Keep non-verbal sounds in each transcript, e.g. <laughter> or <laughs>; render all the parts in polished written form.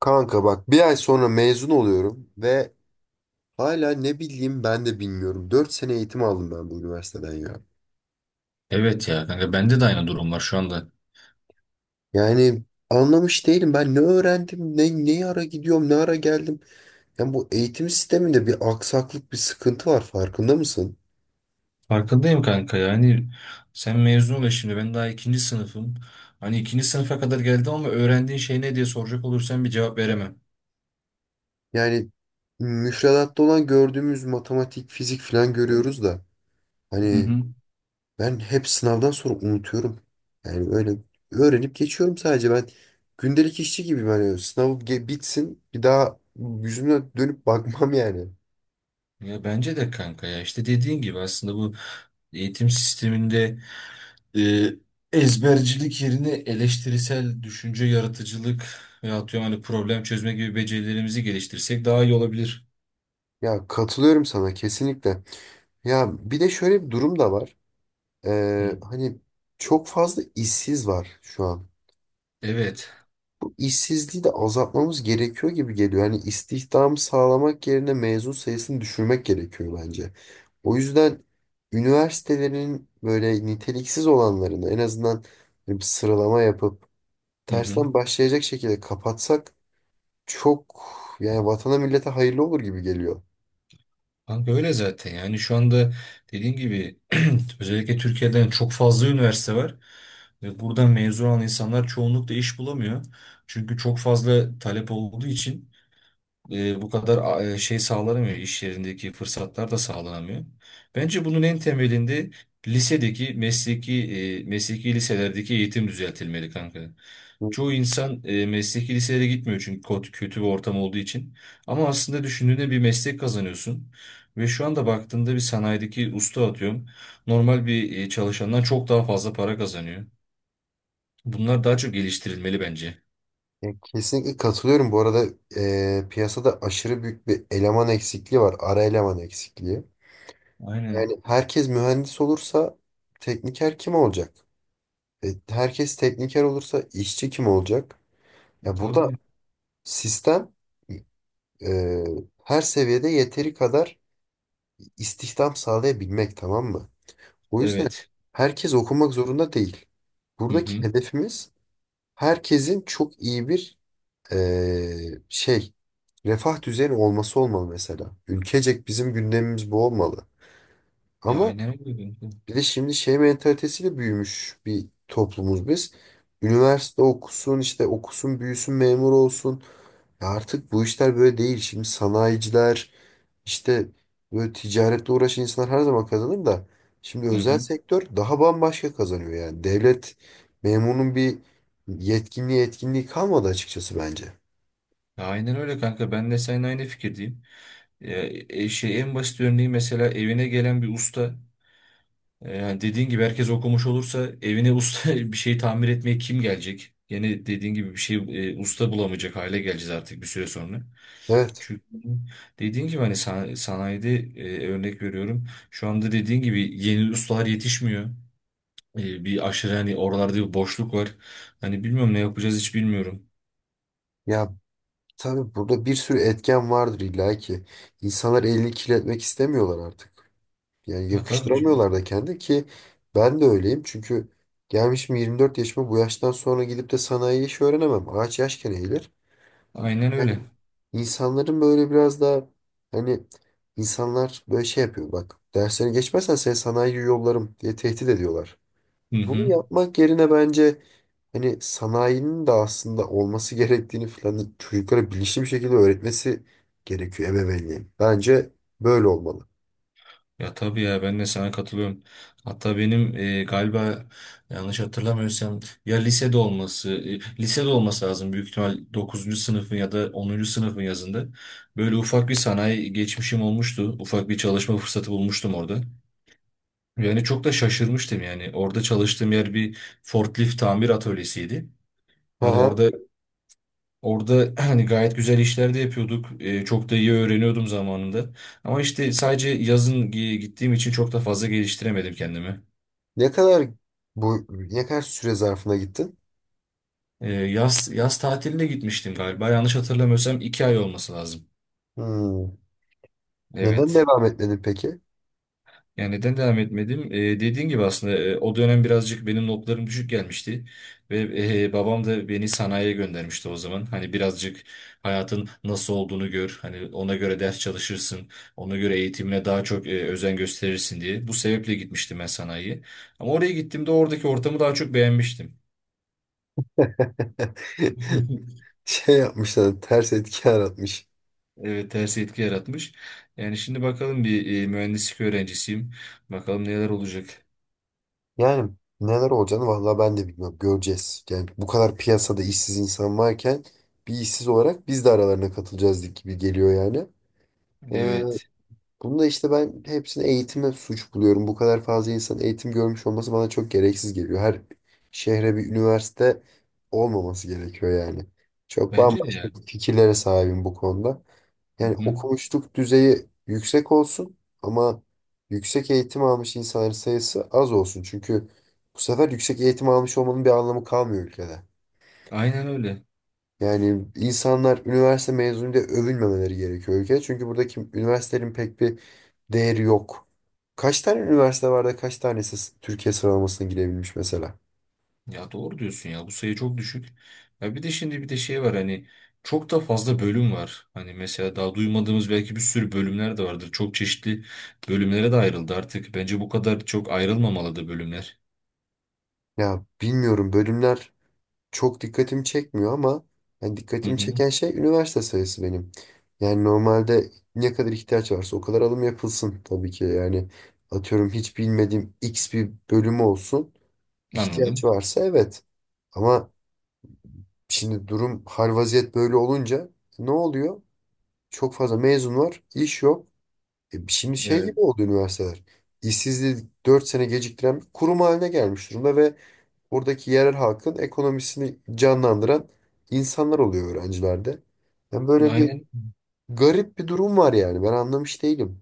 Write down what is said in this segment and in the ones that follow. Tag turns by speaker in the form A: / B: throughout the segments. A: Kanka, bak, bir ay sonra mezun oluyorum ve hala ne bileyim, ben de bilmiyorum. 4 sene eğitim aldım ben bu üniversiteden ya.
B: Evet ya kanka bende de aynı durum var şu anda.
A: Yani anlamış değilim, ben ne öğrendim, ne ara gidiyorum, ne ara geldim. Yani bu eğitim sisteminde bir aksaklık, bir sıkıntı var, farkında mısın?
B: Farkındayım kanka yani sen mezun ol ya şimdi ben daha ikinci sınıfım. Hani ikinci sınıfa kadar geldim ama öğrendiğin şey ne diye soracak olursan bir cevap veremem.
A: Yani müfredatta olan gördüğümüz matematik, fizik falan görüyoruz da,
B: Hı
A: hani,
B: hı.
A: ben hep sınavdan sonra unutuyorum. Yani öyle, öğrenip geçiyorum sadece. Ben gündelik işçi gibiyim. Hani sınav bitsin, bir daha yüzüme dönüp bakmam yani.
B: Ya bence de kanka ya işte dediğin gibi aslında bu eğitim sisteminde e, ezbercilik yerine eleştirisel düşünce, yaratıcılık ve atıyorum hani problem çözme gibi becerilerimizi geliştirsek daha iyi olabilir.
A: Ya katılıyorum sana kesinlikle. Ya, bir de şöyle bir durum da var.
B: Hı
A: Ee,
B: hı.
A: hani çok fazla işsiz var şu an.
B: Evet.
A: İşsizliği de azaltmamız gerekiyor gibi geliyor. Yani istihdamı sağlamak yerine mezun sayısını düşürmek gerekiyor bence. O yüzden üniversitelerin böyle niteliksiz olanlarını en azından bir sıralama yapıp
B: Hı hı.
A: tersten başlayacak şekilde kapatsak çok, yani, vatana millete hayırlı olur gibi geliyor.
B: Kanka öyle zaten yani şu anda dediğim gibi <clears throat> özellikle Türkiye'den çok fazla üniversite var ve buradan mezun olan insanlar çoğunlukla iş bulamıyor. Çünkü çok fazla talep olduğu için bu kadar şey sağlanamıyor iş yerindeki fırsatlar da sağlanamıyor. Bence bunun en temelinde lisedeki mesleki liselerdeki eğitim düzeltilmeli kanka. Çoğu insan mesleki liselere gitmiyor çünkü kötü bir ortam olduğu için. Ama aslında düşündüğünde bir meslek kazanıyorsun. Ve şu anda baktığında bir sanayideki usta atıyorum. Normal bir çalışandan çok daha fazla para kazanıyor. Bunlar daha çok geliştirilmeli bence.
A: Ya, kesinlikle katılıyorum. Bu arada, piyasada aşırı büyük bir eleman eksikliği var. Ara eleman eksikliği.
B: Aynen.
A: Yani herkes mühendis olursa tekniker kim olacak? Herkes tekniker olursa işçi kim olacak? Ya, burada
B: Tabii.
A: sistem e, her seviyede yeteri kadar istihdam sağlayabilmek, tamam mı? O yüzden
B: Evet.
A: herkes okumak zorunda değil.
B: Hı
A: Buradaki
B: hı.
A: hedefimiz herkesin çok iyi bir şey, refah düzeyinin olması olmalı mesela. Ülkecek bizim gündemimiz bu olmalı.
B: Ya
A: Ama
B: aynen öyle, kanka.
A: bir de şimdi şey mentalitesiyle büyümüş bir toplumuz biz. Üniversite okusun, işte okusun büyüsün memur olsun. Ya, artık bu işler böyle değil. Şimdi sanayiciler, işte, böyle ticaretle uğraşan insanlar her zaman kazanır da. Şimdi
B: Hı
A: özel
B: hı.
A: sektör daha bambaşka kazanıyor yani. Devlet memurunun bir yetkinliği, etkinliği kalmadı açıkçası bence.
B: Ya aynen öyle kanka. Ben de seninle aynı fikirdeyim. Ya, en basit örneği mesela evine gelen bir usta. Yani dediğin gibi herkes okumuş olursa evine usta <laughs> bir şey tamir etmeye kim gelecek? Yine dediğin gibi bir şey usta bulamayacak hale geleceğiz artık bir süre sonra.
A: Evet.
B: Çünkü dediğin gibi hani sanayide örnek veriyorum. Şu anda dediğin gibi yeni ustalar yetişmiyor. Bir aşırı hani oralarda bir boşluk var. Hani bilmiyorum ne yapacağız hiç bilmiyorum.
A: Ya, tabii burada bir sürü etken vardır illa ki. İnsanlar elini kirletmek istemiyorlar artık. Yani
B: Ya tabii hocam.
A: yakıştıramıyorlar da kendi ki, ben de öyleyim. Çünkü gelmişim 24 yaşıma, bu yaştan sonra gidip de sanayi işi öğrenemem. Ağaç yaşken eğilir.
B: Aynen
A: Yani
B: öyle.
A: insanların böyle biraz daha, hani, insanlar böyle şey yapıyor, bak, dersleri geçmezsen seni sanayiye yollarım diye tehdit ediyorlar.
B: Hı
A: Bunu
B: hı.
A: yapmak yerine bence, hani, sanayinin de aslında olması gerektiğini falan çocuklara bilinçli bir şekilde öğretmesi gerekiyor ebeveynliğin. Bence böyle olmalı.
B: Ya tabii ya ben de sana katılıyorum. Hatta benim galiba yanlış hatırlamıyorsam ya lisede olması lazım büyük ihtimal dokuzuncu sınıfın ya da onuncu sınıfın yazında. Böyle ufak bir sanayi geçmişim olmuştu. Ufak bir çalışma fırsatı bulmuştum orada. Yani çok da şaşırmıştım yani. Orada çalıştığım yer bir forklift tamir atölyesiydi. Hani
A: Aha.
B: orada Orada <clears throat> hani gayet güzel işler de yapıyorduk. Çok da iyi öğreniyordum zamanında. Ama işte sadece yazın gittiğim için çok da fazla geliştiremedim kendimi.
A: Ne kadar bu ne kadar süre zarfına gittin?
B: Yaz tatiline gitmiştim galiba. Yanlış hatırlamıyorsam 2 ay olması lazım.
A: Hmm. Neden
B: Evet.
A: devam etmedin peki?
B: Yani neden devam etmedim? Dediğin gibi aslında o dönem birazcık benim notlarım düşük gelmişti. Ve babam da beni sanayiye göndermişti o zaman. Hani birazcık hayatın nasıl olduğunu gör. Hani ona göre ders çalışırsın. Ona göre eğitimine daha çok özen gösterirsin diye. Bu sebeple gitmiştim ben sanayiye. Ama oraya gittiğimde oradaki ortamı daha çok beğenmiştim.
A: <laughs>
B: <laughs>
A: Şey yapmışlar, ters etki yaratmış.
B: Evet, ters etki yaratmış. Yani şimdi bakalım bir mühendislik öğrencisiyim. Bakalım neler olacak.
A: Yani neler olacağını vallahi ben de bilmiyorum. Göreceğiz. Yani bu kadar piyasada işsiz insan varken bir işsiz olarak biz de aralarına katılacağız gibi geliyor yani. Ee,
B: Evet.
A: Bunu da işte ben hepsini eğitime suç buluyorum. Bu kadar fazla insan eğitim görmüş olması bana çok gereksiz geliyor. Her şehre bir üniversite olmaması gerekiyor yani. Çok
B: Bence de
A: bambaşka
B: yani.
A: fikirlere sahibim bu konuda.
B: Hı
A: Yani
B: hı.
A: okumuşluk düzeyi yüksek olsun ama yüksek eğitim almış insanların sayısı az olsun. Çünkü bu sefer yüksek eğitim almış olmanın bir anlamı kalmıyor ülkede.
B: Aynen öyle.
A: Yani insanlar üniversite mezunuyla övünmemeleri gerekiyor ülkede. Çünkü buradaki üniversitelerin pek bir değeri yok. Kaç tane üniversite var da kaç tanesi Türkiye sıralamasına girebilmiş mesela?
B: Ya doğru diyorsun ya bu sayı çok düşük. Ya bir de şimdi bir de şey var hani çok da fazla bölüm var. Hani mesela daha duymadığımız belki bir sürü bölümler de vardır. Çok çeşitli bölümlere de ayrıldı artık. Bence bu kadar çok ayrılmamalı da bölümler.
A: Ya, bilmiyorum, bölümler çok dikkatimi çekmiyor ama yani
B: Hı
A: dikkatimi
B: hı,
A: çeken şey üniversite sayısı benim. Yani normalde ne kadar ihtiyaç varsa o kadar alım yapılsın tabii ki. Yani atıyorum, hiç bilmediğim X bir bölümü olsun. İhtiyaç
B: anladım.
A: varsa, evet. Ama şimdi durum hal vaziyet böyle olunca ne oluyor? Çok fazla mezun var, iş yok. Şimdi şey gibi
B: Evet.
A: oldu üniversiteler. İşsizliği 4 sene geciktiren bir kurum haline gelmiş durumda ve oradaki yerel halkın ekonomisini canlandıran insanlar oluyor öğrencilerde. Yani böyle bir
B: Aynen.
A: garip bir durum var yani. Ben anlamış değilim.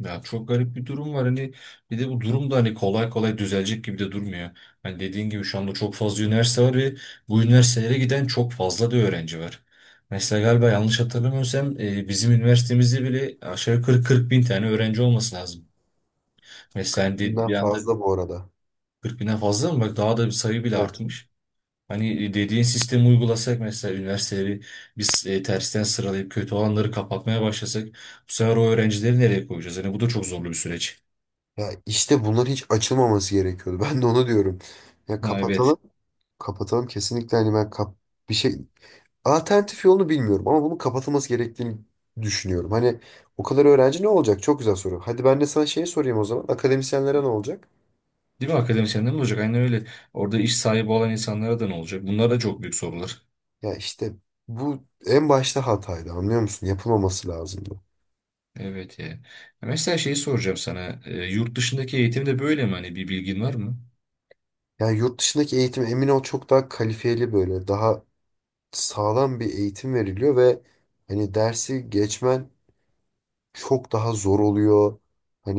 B: Ya çok garip bir durum var hani bir de bu durum da hani kolay kolay düzelecek gibi de durmuyor. Hani dediğin gibi şu anda çok fazla üniversite var ve bu üniversitelere giden çok fazla da öğrenci var. Mesela galiba yanlış hatırlamıyorsam bizim üniversitemizde bile aşağı yukarı 40 bin tane öğrenci olması lazım. Mesela hani
A: Binden
B: bir anda
A: fazla bu arada.
B: 40 binden fazla mı? Bak daha da bir sayı bile
A: Evet.
B: artmış. Hani dediğin sistemi uygulasak mesela üniversiteleri biz tersten sıralayıp kötü olanları kapatmaya başlasak bu sefer o öğrencileri nereye koyacağız? Hani bu da çok zorlu bir süreç.
A: Ya, işte bunlar hiç açılmaması gerekiyordu. <laughs> Ben de onu diyorum. Ya,
B: Ha, evet.
A: kapatalım. Kapatalım kesinlikle, hani, ben kap bir şey, alternatif yolunu bilmiyorum ama bunun kapatılması gerektiğini düşünüyorum. Hani o kadar öğrenci ne olacak? Çok güzel soru. Hadi ben de sana şey sorayım o zaman. Akademisyenlere ne olacak?
B: Değil mi, akademisyenler ne olacak? Aynen öyle. Orada iş sahibi olan insanlara da ne olacak? Bunlar da çok büyük sorular.
A: Ya, işte bu en başta hataydı, anlıyor musun? Yapılmaması lazımdı.
B: Evet ya. Mesela şeyi soracağım sana. Yurt dışındaki eğitim de böyle mi? Hani bir bilgin var mı?
A: Yani yurt dışındaki eğitim, emin ol, çok daha kalifiyeli, böyle daha sağlam bir eğitim veriliyor ve hani dersi geçmen çok daha zor oluyor.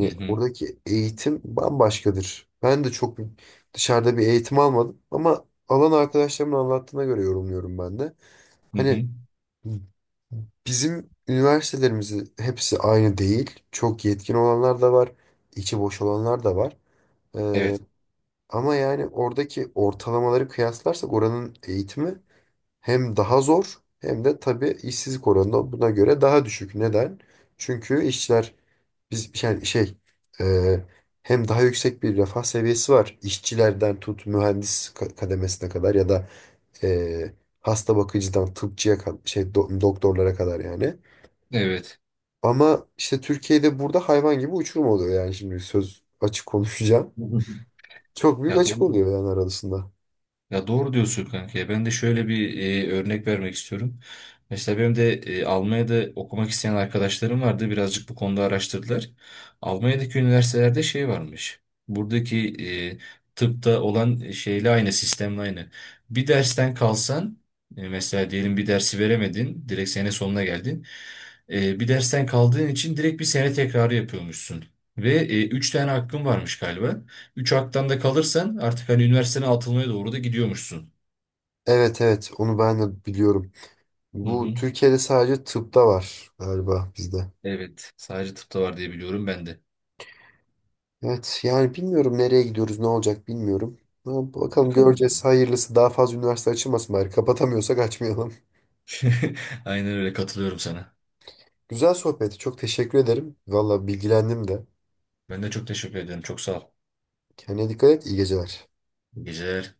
B: Hı hı.
A: oradaki eğitim bambaşkadır. Ben de çok dışarıda bir eğitim almadım ama alan arkadaşlarımın anlattığına göre yorumluyorum ben de.
B: Hı hı.
A: Hani bizim üniversitelerimizi hepsi aynı değil. Çok yetkin olanlar da var. İçi boş olanlar da var. Ee,
B: Evet.
A: ama yani oradaki ortalamaları kıyaslarsak oranın eğitimi hem daha zor hem de tabii işsizlik oranı da buna göre daha düşük. Neden? Çünkü işçiler biz yani, şey, e, hem daha yüksek bir refah seviyesi var. İşçilerden tut mühendis kademesine kadar ya da e, hasta bakıcıdan tıpçıya doktorlara kadar yani.
B: Evet.
A: Ama işte Türkiye'de burada hayvan gibi uçurum oluyor yani, şimdi söz, açık konuşacağım.
B: Hı hı.
A: Çok büyük
B: Ya
A: açık
B: doğru.
A: oluyor yani arasında.
B: Ya doğru diyorsun, kanka ya. Ben de şöyle bir örnek vermek istiyorum. Mesela benim de Almanya'da okumak isteyen arkadaşlarım vardı. Birazcık bu konuda araştırdılar. Almanya'daki üniversitelerde şey varmış. Buradaki tıpta olan şeyle aynı, sistemle aynı. Bir dersten kalsan, mesela diyelim bir dersi veremedin, direkt sene sonuna geldin. Bir dersten kaldığın için direkt bir sene tekrarı yapıyormuşsun. Ve üç tane hakkın varmış galiba. Üç haktan da kalırsan artık hani üniversitene atılmaya doğru da gidiyormuşsun.
A: Evet, evet, onu ben de biliyorum.
B: Hı
A: Bu
B: hı.
A: Türkiye'de sadece tıpta var galiba bizde.
B: Evet. Sadece tıpta var diye biliyorum ben de.
A: Evet, yani bilmiyorum nereye gidiyoruz, ne olacak, bilmiyorum. Ama bakalım göreceğiz,
B: Bakalım.
A: hayırlısı, daha fazla üniversite açılmasın, bari kapatamıyorsak açmayalım.
B: <laughs> Aynen öyle, katılıyorum sana.
A: <laughs> Güzel sohbeti, çok teşekkür ederim. Valla bilgilendim de.
B: Ben de çok teşekkür ederim. Çok sağ ol.
A: Kendine dikkat et, iyi geceler.
B: İyi geceler.